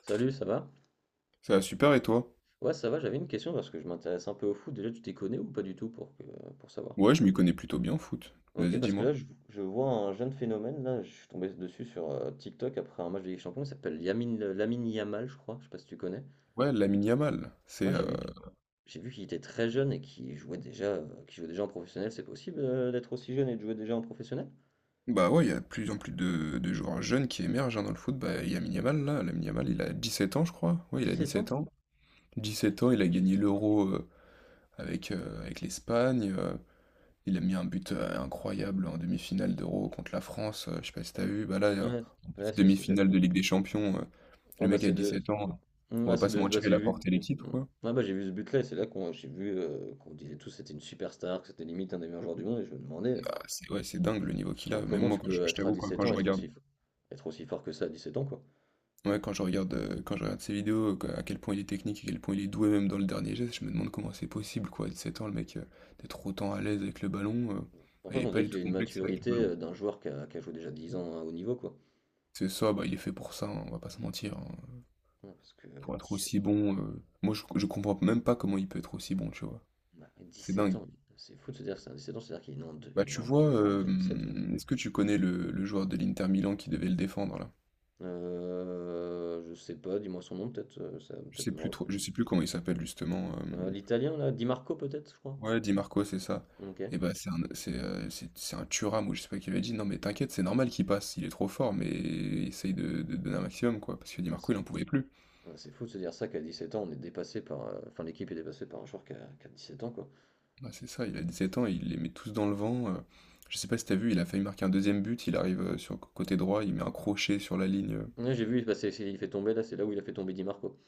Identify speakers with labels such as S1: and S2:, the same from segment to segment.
S1: Salut, ça va?
S2: Ça va super et toi?
S1: Ouais, ça va, j'avais une question parce que je m'intéresse un peu au foot. Déjà, tu t'y connais ou pas du tout pour que, pour savoir?
S2: Ouais, je m'y connais plutôt bien en foot.
S1: Ok,
S2: Vas-y,
S1: parce que
S2: dis-moi.
S1: là, je vois un jeune phénomène. Là, je suis tombé dessus sur TikTok après un match de Ligue des Champions. Il s'appelle Lamine Yamal, je crois. Je sais pas si tu connais.
S2: Ouais, Lamine Yamal, c'est...
S1: Ouais,
S2: euh,
S1: j'ai vu qu'il était très jeune et qu'il jouait déjà en professionnel. C'est possible d'être aussi jeune et de jouer déjà en professionnel?
S2: Bah ouais, il y a de plus en plus de joueurs jeunes qui émergent hein, dans le foot. Bah, Lamine Yamal, là, Lamine Yamal, il a 17 ans, je crois. Ouais, il
S1: Dix
S2: a dix
S1: sept ans?
S2: sept ans. 17 ans, il a gagné l'Euro avec l'Espagne. Il a mis un but incroyable en demi-finale d'Euro contre la France. Je sais pas si t'as vu. Bah là,
S1: Ouais,
S2: en
S1: ouais,
S2: plus,
S1: si, si, j'avais
S2: demi-finale
S1: vu.
S2: de Ligue des Champions,
S1: Ouais,
S2: le
S1: bah,
S2: mec a
S1: c'est
S2: dix
S1: de,
S2: sept ans.
S1: mmh,
S2: On va
S1: ouais,
S2: pas
S1: c'est
S2: se
S1: de bah,
S2: mentir, il
S1: j'ai
S2: a
S1: vu
S2: porté l'équipe,
S1: mmh.
S2: quoi.
S1: Ouais, bah, j'ai vu ce but-là et c'est là qu'on j'ai vu, qu'on disait tous que c'était une superstar, que c'était limite un des meilleurs joueurs du monde et je me demandais,
S2: Ah, c'est ouais, c'est dingue le niveau qu'il a. Même
S1: comment
S2: moi,
S1: tu
S2: quand je,
S1: peux
S2: je
S1: être à
S2: t'avoue, quoi,
S1: sept
S2: quand
S1: ans,
S2: je regarde.
S1: être aussi fort que ça à 17 ans, quoi?
S2: Ouais, quand je regarde ses vidéos, que à quel point il est technique, à quel point il est doué même dans le dernier geste, je me demande comment c'est possible quoi, à 7 ans le mec, d'être autant à l'aise avec le ballon.
S1: En fait,
S2: Il est
S1: on
S2: pas
S1: dirait
S2: du
S1: qu'il a
S2: tout
S1: une
S2: complexe avec le
S1: maturité,
S2: ballon.
S1: d'un joueur qui a joué déjà 10 ans à haut niveau, quoi.
S2: C'est ça, bah, il est fait pour ça, hein, on va pas se mentir, hein,
S1: Ouais, parce que
S2: pour être
S1: 17
S2: aussi bon, moi je comprends même pas comment il peut être aussi bon, tu vois?
S1: bah,
S2: C'est
S1: sept
S2: dingue.
S1: ans, c'est fou de se dire que c'est 17 ans, c'est-à-dire qu'il est né en deux
S2: Bah,
S1: il est né
S2: tu
S1: en
S2: vois,
S1: 2007, ouais.
S2: est-ce que tu connais le joueur de l'Inter Milan qui devait le défendre là?
S1: Je sais pas, dis-moi son nom peut-être, ça va
S2: Je
S1: peut-être
S2: sais
S1: me
S2: plus trop
S1: revenir.
S2: je sais plus comment il s'appelle justement, hem
S1: L'italien là, Di Marco peut-être, je crois?
S2: Ouais, Di Marco, c'est ça.
S1: OK.
S2: Et bah, c'est un Thuram ou je sais pas qui avait dit, non mais t'inquiète, c'est normal qu'il passe, il est trop fort, mais essaye de donner un maximum, quoi. Parce que Di
S1: Ouais,
S2: Marco, il en pouvait plus.
S1: ouais, c'est fou de se dire ça qu'à 17 ans, on est dépassé par. Enfin, l'équipe est dépassée par un joueur qui a 17 ans, quoi.
S2: Bah, c'est ça, il a 17 ans, il les met tous dans le vent. Je sais pas si t'as vu, il a failli marquer un deuxième but, il arrive sur le côté droit, il met un crochet sur la ligne.
S1: Ouais, j'ai vu, il fait tomber, là, c'est là où il a fait tomber Di Marco.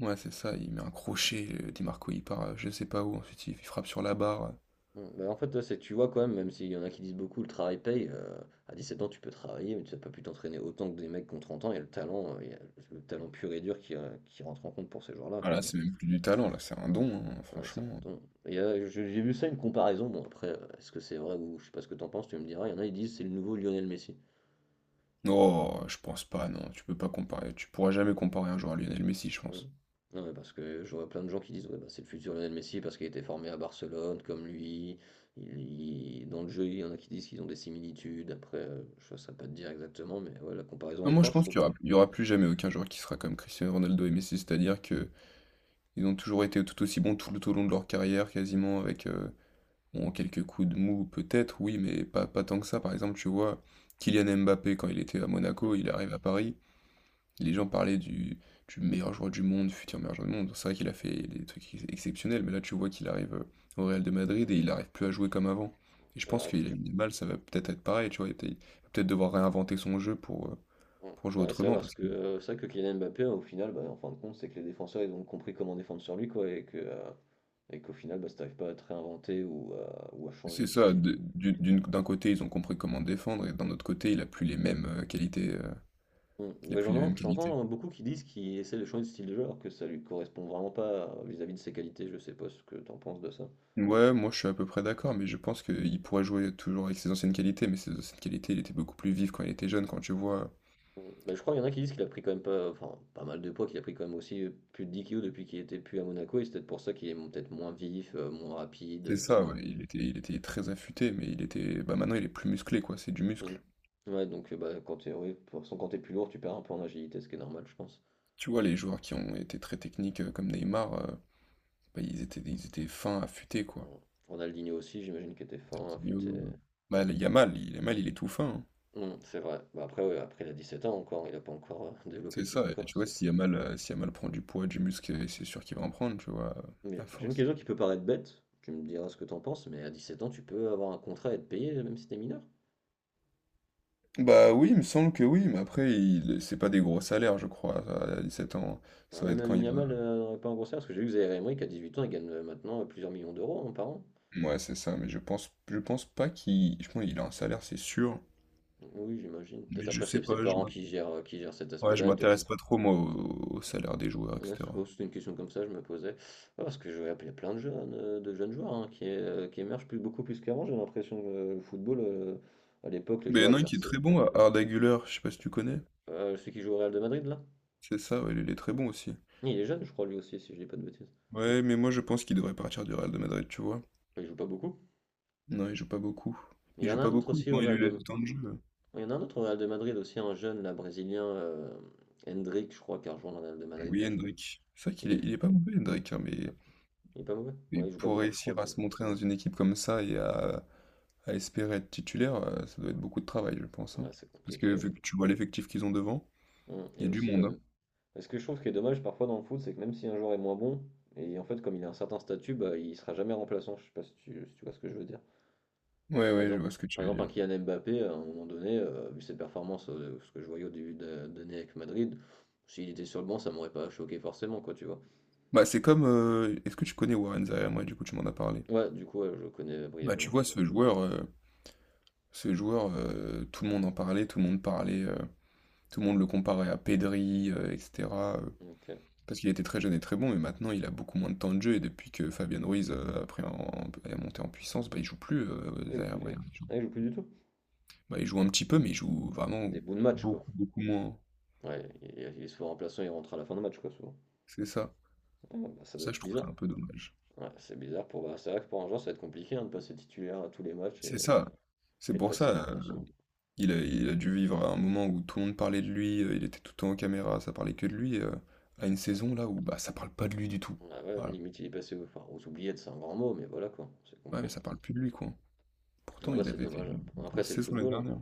S2: Ouais, c'est ça, il met un crochet, Di Marco, il part je sais pas où, ensuite il frappe sur la barre.
S1: Bon, bah, en fait, là, c'est, tu vois, quand même, même s'il y en a qui disent beaucoup, le travail paye. À 17 ans, tu peux travailler, mais tu n'as pas pu t'entraîner autant que des mecs qui ont 30 ans. Il y a le talent, il y a le talent pur et dur qui rentre en compte pour ces joueurs-là,
S2: Ah
S1: quand
S2: là,
S1: même.
S2: c'est même plus du talent, là, c'est un don, hein,
S1: Ouais, c'est un
S2: franchement.
S1: don. Et, j'ai vu ça, une comparaison. Bon, après, est-ce que c'est vrai ou je sais pas ce que t'en penses, tu me diras. Il y en a, ils disent c'est le nouveau Lionel Messi.
S2: Non, je pense pas, non, tu peux pas comparer, tu pourras jamais comparer un joueur à Lionel Messi, je
S1: Mmh.
S2: pense.
S1: Non, mais parce que je vois plein de gens qui disent, ouais, bah, c'est le futur Lionel Messi parce qu'il a été formé à Barcelone, comme lui. Il, dans le jeu, il y en a qui disent qu'ils ont des similitudes. Après, je ne saurais pas te dire exactement, mais ouais, la comparaison
S2: Non,
S1: est
S2: moi je
S1: forte, je
S2: pense
S1: trouve,
S2: qu'il y
S1: hein.
S2: aura, il y aura plus jamais aucun joueur qui sera comme Cristiano Ronaldo et Messi, c'est-à-dire que ils ont toujours été tout aussi bons tout au long de leur carrière, quasiment avec bon, quelques coups de mou peut-être, oui, mais pas tant que ça. Par exemple, tu vois, Kylian Mbappé quand il était à Monaco,
S1: Mhm.
S2: il arrive à Paris, les gens parlaient du meilleur joueur du monde, futur meilleur joueur du monde. C'est vrai qu'il a fait des trucs exceptionnels, mais là tu vois qu'il arrive au Real de Madrid et il n'arrive plus à jouer comme avant. Et je
S1: C'est
S2: pense
S1: vrai.
S2: qu'il a une mal, ça va peut-être être pareil, tu vois, il va peut-être devoir réinventer son jeu pour, euh,
S1: Ouais,
S2: pour jouer
S1: bah ouais, c'est vrai
S2: autrement
S1: parce
S2: parce
S1: que
S2: que.
S1: c'est vrai que Kylian Mbappé, au final, bah, en fin de compte, c'est que les défenseurs, ils ont compris comment défendre sur lui, quoi, et que, et qu'au final, bah, si t'arrives pas à te réinventer ou à changer
S2: C'est
S1: de
S2: ça,
S1: style.
S2: d'un côté, ils ont compris comment défendre, et d'un autre côté, il a plus les mêmes qualités,
S1: Mm.
S2: il a
S1: Bah,
S2: plus les mêmes qualités.
S1: j'entends beaucoup qui disent qu'il essaie de changer de style de jeu alors que ça lui correspond vraiment pas vis-à-vis de ses qualités. Je sais pas ce que t'en penses de ça.
S2: Ouais, moi je suis à peu près d'accord, mais je pense qu'il pourrait jouer toujours avec ses anciennes qualités, mais ses anciennes qualités, il était beaucoup plus vif quand il était jeune, quand tu vois.
S1: Mm. Bah, je crois qu'il y en a qui disent qu'il a pris quand même pas, enfin, pas mal de poids, qu'il a pris quand même aussi plus de 10 kilos depuis qu'il était plus à Monaco et c'est peut-être pour ça qu'il est peut-être moins vif, moins rapide,
S2: C'est
S1: je sais
S2: ça,
S1: pas.
S2: ouais, il était très affûté, mais il était. Bah maintenant il est plus musclé, quoi, c'est du
S1: Mm.
S2: muscle.
S1: Ouais, donc bah, quand t'es, oui, de toute façon, quand t'es plus lourd, tu perds un peu en agilité, ce qui est normal, je pense.
S2: Tu vois, les joueurs qui ont été très techniques comme Neymar, bah, ils étaient fins, affûtés, quoi.
S1: Mm. Ronaldinho aussi, j'imagine qu'il était fin,
S2: Coutinho,
S1: affûté.
S2: euh, Bah, le Yamal, il est mal, il est tout fin, hein.
S1: Mm, c'est vrai. Bah, après, ouais, après, il a 17 ans encore, il a pas encore développé
S2: C'est
S1: tout
S2: ça,
S1: son
S2: et
S1: corps,
S2: tu vois,
S1: c'est
S2: si Yamal, si Yamal prend du poids, du muscle, c'est sûr qu'il va en prendre, tu vois, à
S1: mais j'ai une
S2: force.
S1: question qui peut paraître bête, tu me diras ce que t'en penses, mais à 17 ans, tu peux avoir un contrat et être payé, même si t'es mineur.
S2: Bah oui, il me semble que oui, mais après, c'est pas des gros salaires, je crois, à 17 ans.
S1: Ah,
S2: Ça va
S1: même
S2: être quand
S1: Lamine
S2: il va.
S1: Yamal n'aurait pas un gros salaire, parce que j'ai vu que Zaïre Emery, qu'à 8 ans, il gagne maintenant plusieurs millions d'euros hein, par an.
S2: Ouais, c'est ça, mais je pense pas qu'il. Je pense qu'il a un salaire, c'est sûr.
S1: Oui, j'imagine. Peut-être
S2: Mais je
S1: après,
S2: sais
S1: c'est ses
S2: pas,
S1: parents qui gèrent cet
S2: ouais, je
S1: aspect-là, et
S2: m'intéresse
S1: peut-être...
S2: pas trop, moi, au salaire des joueurs,
S1: Ouais,
S2: etc.
S1: c'était une question comme ça, je me posais. Ah, parce que je vois, il plein de jeunes joueurs hein, qui émergent plus, beaucoup plus qu'avant, j'ai l'impression que le football, à l'époque, les
S2: Mais il y
S1: joueurs,
S2: en
S1: ils
S2: a un qui est
S1: perçaient.
S2: très bon, Arda Güler, je sais pas si tu connais.
S1: Celui qui joue au Real de Madrid, là?
S2: C'est ça, ouais, il est très bon aussi.
S1: Il est jeune, je crois, lui aussi, si je dis pas de bêtises.
S2: Ouais, mais moi, je pense qu'il devrait partir du Real de Madrid, tu vois.
S1: Il joue pas beaucoup.
S2: Non, il joue pas beaucoup.
S1: Il
S2: Il
S1: y en
S2: joue
S1: a
S2: pas
S1: un autre
S2: beaucoup,
S1: aussi au
S2: quand il lui
S1: Real
S2: laisse
S1: de...
S2: du temps de jeu.
S1: Il y en a un autre au Real de Madrid aussi, un jeune, là, brésilien, Hendrick, je crois, qui a rejoint le Real de Madrid.
S2: Oui,
S1: Je sais pas.
S2: Hendrick. C'est vrai
S1: Il
S2: qu'il est,
S1: est
S2: il est pas mauvais, Hendrick, hein,
S1: pas,
S2: mais,
S1: il est pas mauvais.
S2: mais
S1: Ouais, il joue pas
S2: pour
S1: beaucoup, je crois,
S2: réussir à
S1: lui.
S2: se montrer dans une équipe comme ça et à espérer être titulaire, ça doit être beaucoup de travail, je pense, hein.
S1: Ouais, c'est
S2: Parce que
S1: compliqué,
S2: vu
S1: ouais.
S2: que tu vois l'effectif qu'ils ont devant, il y
S1: Et
S2: a du
S1: aussi, bah,
S2: monde, hein.
S1: même... Parce que je trouve ce qui est dommage parfois dans le foot, c'est que même si un joueur est moins bon, et en fait, comme il a un certain statut, bah, il sera jamais remplaçant. Je sais pas si tu, si tu vois ce que je veux dire.
S2: Ouais,
S1: Par
S2: ouais, je
S1: exemple,
S2: vois ce que tu veux
S1: un
S2: dire.
S1: Kylian Mbappé, à un moment donné, vu ses performances, ce que je voyais au début d'année avec Madrid, s'il était sur le banc, ça m'aurait pas choqué forcément, quoi, tu vois.
S2: Bah, c'est comme, est-ce que tu connais Warren Zaïre? Moi, du coup, tu m'en as parlé.
S1: Ouais, du coup, ouais, je connais
S2: Bah, tu
S1: brièvement, ouais.
S2: vois, ce joueur, tout le monde en parlait, tout le monde parlait, tout le monde le comparait à Pedri, etc.
S1: Ok.
S2: Parce qu'il était très jeune et très bon, mais maintenant il a beaucoup moins de temps de jeu. Et depuis que Fabien Ruiz est monté en puissance, bah, il joue plus
S1: Ah, il joue
S2: derrière
S1: plus,
S2: Brahim.
S1: il joue plus du tout?
S2: Bah, il joue un petit peu, mais il joue vraiment
S1: Des bouts de match, quoi.
S2: beaucoup, beaucoup moins.
S1: Ouais, il est souvent remplaçant, il rentre à la fin de match, quoi, souvent.
S2: C'est ça.
S1: Ah, bah, ça doit
S2: Ça, je
S1: être
S2: trouve ça
S1: bizarre.
S2: un peu dommage.
S1: Ouais, c'est bizarre pour. Bah, c'est vrai que pour un joueur, ça va être compliqué hein, de passer titulaire à tous les matchs
S2: C'est ça. C'est
S1: et de
S2: pour
S1: passer
S2: ça. euh,
S1: remplaçant.
S2: il a, il a dû vivre à un moment où tout le monde parlait de lui. Il était tout le temps en caméra, ça parlait que de lui. À une
S1: Ah,
S2: saison là où bah, ça parle pas de lui du tout.
S1: ah ouais,
S2: Voilà.
S1: limite, il est passé aux, enfin, aux oubliettes, c'est un grand mot, mais voilà, quoi, c'est
S2: Ouais,
S1: compris.
S2: mais ça parle plus de lui, quoi.
S1: Ah
S2: Pourtant,
S1: bah,
S2: il
S1: c'est
S2: avait fait
S1: dommage, hein.
S2: une
S1: Après,
S2: grosse
S1: c'est le
S2: saison l'année
S1: football, hein.
S2: dernière.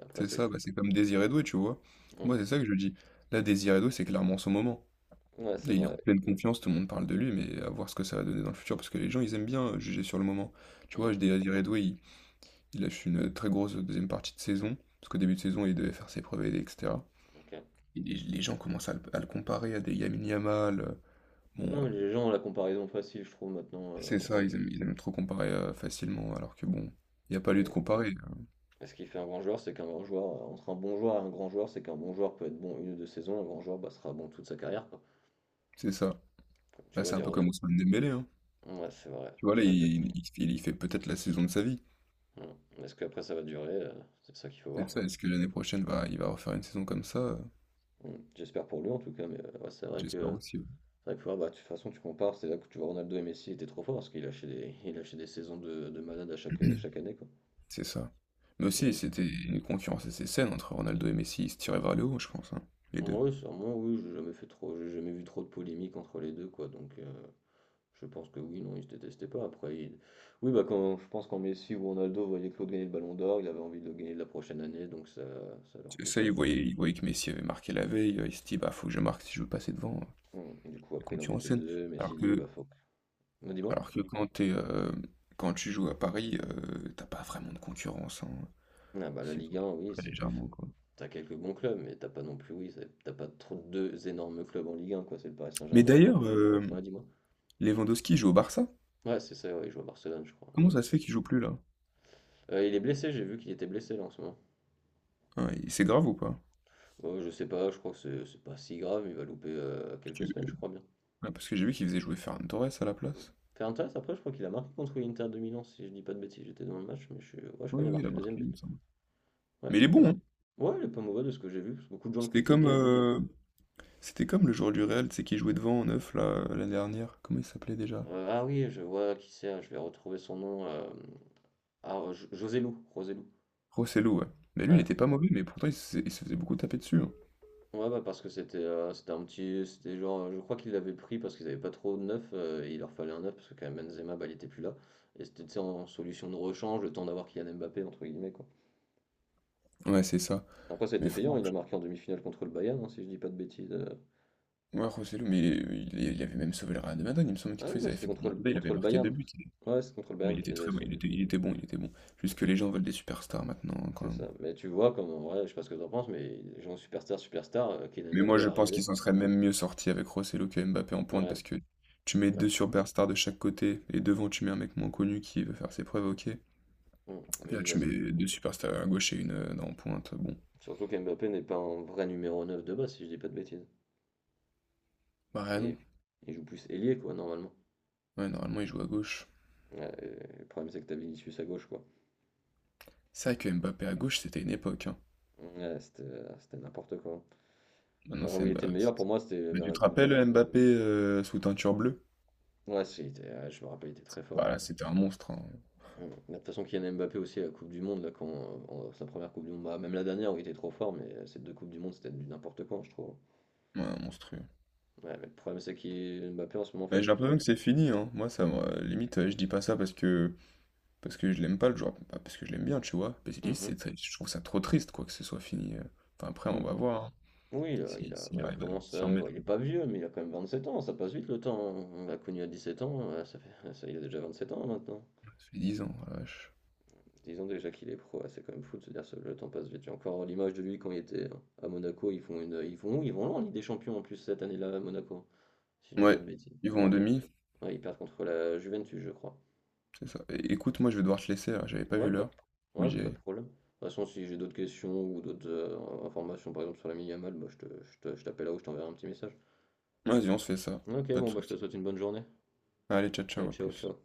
S1: Après,
S2: C'est
S1: c'est le
S2: ça,
S1: foot.
S2: bah, c'est comme Désiré Doué, tu vois?
S1: Hum.
S2: Moi, c'est ça que je dis. Là, Désiré Doué, c'est clairement son moment.
S1: Ouais, c'est
S2: Là, il est en
S1: vrai.
S2: pleine confiance, tout le monde parle de lui, mais à voir ce que ça va donner dans le futur, parce que les gens, ils aiment bien juger sur le moment. Tu vois,
S1: Hum.
S2: Désiré Doué, il lâche une très grosse deuxième partie de saison, parce qu'au début de saison, il devait faire ses preuves, etc.
S1: Ok.
S2: Et les gens commencent à le comparer à des Lamine Yamal. Bon,
S1: Non, mais les gens ont la comparaison facile, je trouve, maintenant.
S2: c'est ça, ils aiment trop comparer facilement, alors que bon, il n'y a pas
S1: Eh
S2: lieu de
S1: oui.
S2: comparer, hein.
S1: Ce qui fait un grand joueur, c'est qu'un grand joueur, entre un bon joueur et un grand joueur, c'est qu'un bon joueur peut être bon une ou deux saisons, un grand joueur bah, sera bon toute sa carrière, quoi.
S2: C'est ça.
S1: Tu
S2: Bah,
S1: vois,
S2: c'est
S1: des
S2: un peu comme
S1: Ronald.
S2: Ousmane Dembélé, hein.
S1: Ouais, c'est vrai.
S2: Tu vois, là, il fait peut-être la saison de sa vie.
S1: Ouais. Est-ce qu'après ça va durer? C'est ça qu'il faut
S2: C'est
S1: voir,
S2: ça,
S1: quoi.
S2: est-ce que l'année prochaine il va refaire une saison comme ça?
S1: Mm. J'espère pour lui en tout cas, mais ouais,
S2: J'espère aussi.
S1: c'est vrai que faut voir, bah, de toute façon tu compares, c'est là que tu vois Ronaldo et Messi étaient trop forts parce qu'il il lâchait des saisons de malade à chaque,
S2: Ouais.
S1: chaque année, quoi.
S2: C'est ça. Mais aussi,
S1: Même si-
S2: c'était une concurrence assez saine entre Ronaldo et Messi. Ils se tiraient vers le haut, je pense, hein, les deux.
S1: Oui, sûrement, oui, j'ai jamais fait trop, j'ai jamais vu trop de polémiques entre les deux, quoi, donc, je pense que oui, non, ils se détestaient pas. Après, oui, bah quand je pense qu'en Messi ou Ronaldo voyait Claude gagner le Ballon d'Or, il avait envie de le gagner la prochaine année, donc ça leur
S2: C'est ça,
S1: poussait.
S2: ils voyaient que Messi avait marqué la veille. Ils se disaient, bah, faut que je marque si je veux passer devant.
S1: Du coup,
S2: Une
S1: après, il en
S2: concurrence
S1: mettait
S2: saine.
S1: deux.
S2: Alors
S1: Messi dit, bah
S2: que,
S1: faut. Non, dis-moi.
S2: alors que quand tu joues à Paris, t'as pas vraiment de concurrence, hein.
S1: Ah bah la
S2: C'est
S1: Ligue 1, oui,
S2: très
S1: c'est plus.
S2: légèrement, quoi.
S1: T'as quelques bons clubs, mais t'as pas non plus, oui, t'as pas trop deux énormes clubs en Ligue 1, quoi. C'est le Paris
S2: Mais
S1: Saint-Germain.
S2: d'ailleurs,
S1: Ouais, dis-moi.
S2: Lewandowski joue au Barça.
S1: Ouais, c'est ça. Ouais, il joue à Barcelone, je crois, hein.
S2: Comment
S1: J'ai vu
S2: ça se
S1: ça.
S2: fait qu'il joue plus là?
S1: Il est blessé. J'ai vu qu'il était blessé là en ce moment.
S2: Hein, et c'est grave ou pas?
S1: Je sais pas. Je crois que c'est pas si grave. Il va louper quelques semaines, je crois bien.
S2: Ah, parce que j'ai vu qu'il faisait jouer Ferran Torres à la place.
S1: Fernandes après je crois qu'il a marqué contre l'Inter de Milan si je dis pas de bêtises, j'étais dans le match mais ouais je crois
S2: Oui,
S1: qu'il a
S2: oui, il a
S1: marqué le
S2: marqué,
S1: deuxième
S2: il
S1: but.
S2: me semble.
S1: Ouais,
S2: Mais il est
S1: il a
S2: bon, hein.
S1: marqué. Ouais, il est pas mauvais de ce que j'ai vu, parce que beaucoup de gens le
S2: C'était comme,
S1: critiquaient.
S2: euh, c'était comme le joueur du Real, tu sais, qui jouait devant en neuf, là, l'année dernière. Comment il s'appelait déjà?
S1: Ah oui, je vois qui c'est, je vais retrouver son nom, hem, ah, Jo José Joselu.
S2: Rosselló, ouais. Mais lui, il
S1: Ouais.
S2: était pas mauvais, mais pourtant, il se faisait beaucoup taper dessus, hein.
S1: Ouais, bah, parce que c'était, c'était un petit c'était genre, je crois qu'ils l'avaient pris parce qu'ils avaient pas trop de neuf, et il leur fallait un neuf parce que quand même Benzema, bah, il était plus là et c'était, tu sais, en solution de rechange, le temps d'avoir Kylian Mbappé entre guillemets, quoi.
S2: Ouais, c'est ça.
S1: Après ça a
S2: Mais
S1: été payant,
S2: franchement,
S1: il a marqué en demi-finale contre le Bayern, hein, si je dis pas de bêtises,
S2: ouais, Rosselló, mais il avait même sauvé le Real de Madrid. Il me semble
S1: Ah
S2: qu'une
S1: oui,
S2: fois, ils
S1: ouais,
S2: avaient
S1: c'était
S2: fait une remontada, il
S1: contre
S2: avait
S1: le
S2: marqué deux
S1: Bayern.
S2: buts.
S1: Ouais, c'est contre le
S2: Mais
S1: Bayern
S2: il
S1: qui les
S2: était
S1: avait
S2: très bon,
S1: sauvés.
S2: il était bon, il était bon. Juste que les gens veulent des superstars maintenant, hein, quand
S1: C'est
S2: même.
S1: ça. Mais tu vois, comme en vrai, je sais pas ce que t'en penses, mais les gens superstar, superstar, Kylian
S2: Mais
S1: Mbappé
S2: moi,
S1: est
S2: je pense
S1: arrivé.
S2: qu'ils s'en seraient même mieux sortis avec Rossello que Mbappé en pointe
S1: Ouais,
S2: parce que tu mets
S1: ouais.
S2: deux superstars de chaque côté et devant, tu mets un mec moins connu qui veut faire ses preuves, ok. Et
S1: Mm. Mais
S2: là,
S1: il va...
S2: tu mets deux superstars à gauche et une en pointe. Bon,
S1: Surtout qu'Mbappé n'est pas un vrai numéro 9 de base, si je dis pas de bêtises.
S2: bah rien, non.
S1: Et il joue plus ailier, quoi, normalement.
S2: Ouais, normalement, il joue à gauche.
S1: Ouais, et le problème, c'est que t'as Vinicius à gauche, quoi.
S2: C'est vrai que Mbappé à gauche, c'était une époque, hein.
S1: Ouais, c'était n'importe quoi.
S2: Maintenant,
S1: Bah, où
S2: c'est
S1: il était
S2: Mbappé.
S1: le meilleur, pour moi, c'était
S2: Mais
S1: vers
S2: tu
S1: la
S2: te
S1: Coupe du...
S2: rappelles Mbappé sous teinture bleue?
S1: Ouais, si, ouais, je me rappelle, il était très
S2: Bah
S1: fort.
S2: là, c'était un monstre, hein.
S1: Mmh. Mais de toute façon, Kylian Mbappé aussi la Coupe du Monde, là, quand, sa première Coupe du Monde, bah, même la dernière où il était trop fort, mais ces deux Coupes du Monde, c'était du n'importe quoi, je trouve.
S2: Ouais, un monstrueux.
S1: Ouais, mais le problème, c'est qu'il Mbappé en ce moment, en fait,
S2: Bah, j'ai
S1: c'est qu'il.
S2: l'impression que c'est fini, hein. Moi, limite, je dis pas ça parce que. Parce que je l'aime pas le joueur, pas parce que je l'aime bien, tu vois. Basili,
S1: Mhm.
S2: c'est, je trouve ça trop triste, quoi, que ce soit fini. Enfin, après, on
S1: Mm.
S2: va voir, hein,
S1: Oui,
S2: si, s'il
S1: ouais,
S2: arrive à s'y
S1: ouais,
S2: remettre,
S1: il est
S2: quoi.
S1: pas vieux, mais il a quand même 27 ans, ça passe vite le temps. On l'a connu à 17 ans, ouais, ça fait, ça, il a déjà 27 ans hein, maintenant.
S2: Ça fait 10 ans, oh la vache.
S1: Disons déjà qu'il est pro, ouais, c'est quand même fou de se dire que le temps passe vite. J'ai encore l'image de lui quand il était à Monaco, ils font une, ils vont où? Ils vont loin en Ligue des Champions en plus cette année-là à Monaco, si je dis pas
S2: Ouais,
S1: de bêtises.
S2: ils
S1: Ils sont
S2: vont en
S1: en deux.
S2: demi,
S1: Ouais, ils perdent contre la Juventus, je crois.
S2: c'est ça. Écoute, moi, je vais devoir te laisser, là, j'avais pas
S1: Ouais,
S2: vu
S1: pas de,
S2: l'heure.
S1: ouais,
S2: Oui, j'y
S1: pas
S2: aille.
S1: de problème. De toute façon, si j'ai d'autres questions ou d'autres informations, par exemple sur la Yamal, bah, je te, je t'appelle là ou je t'enverrai un petit message.
S2: Vas-y, on se fait ça,
S1: Ok,
S2: pas de
S1: bon, bah, je te
S2: soucis.
S1: souhaite une bonne journée.
S2: Allez, ciao, ciao,
S1: Allez,
S2: à
S1: ciao,
S2: plus.
S1: ciao.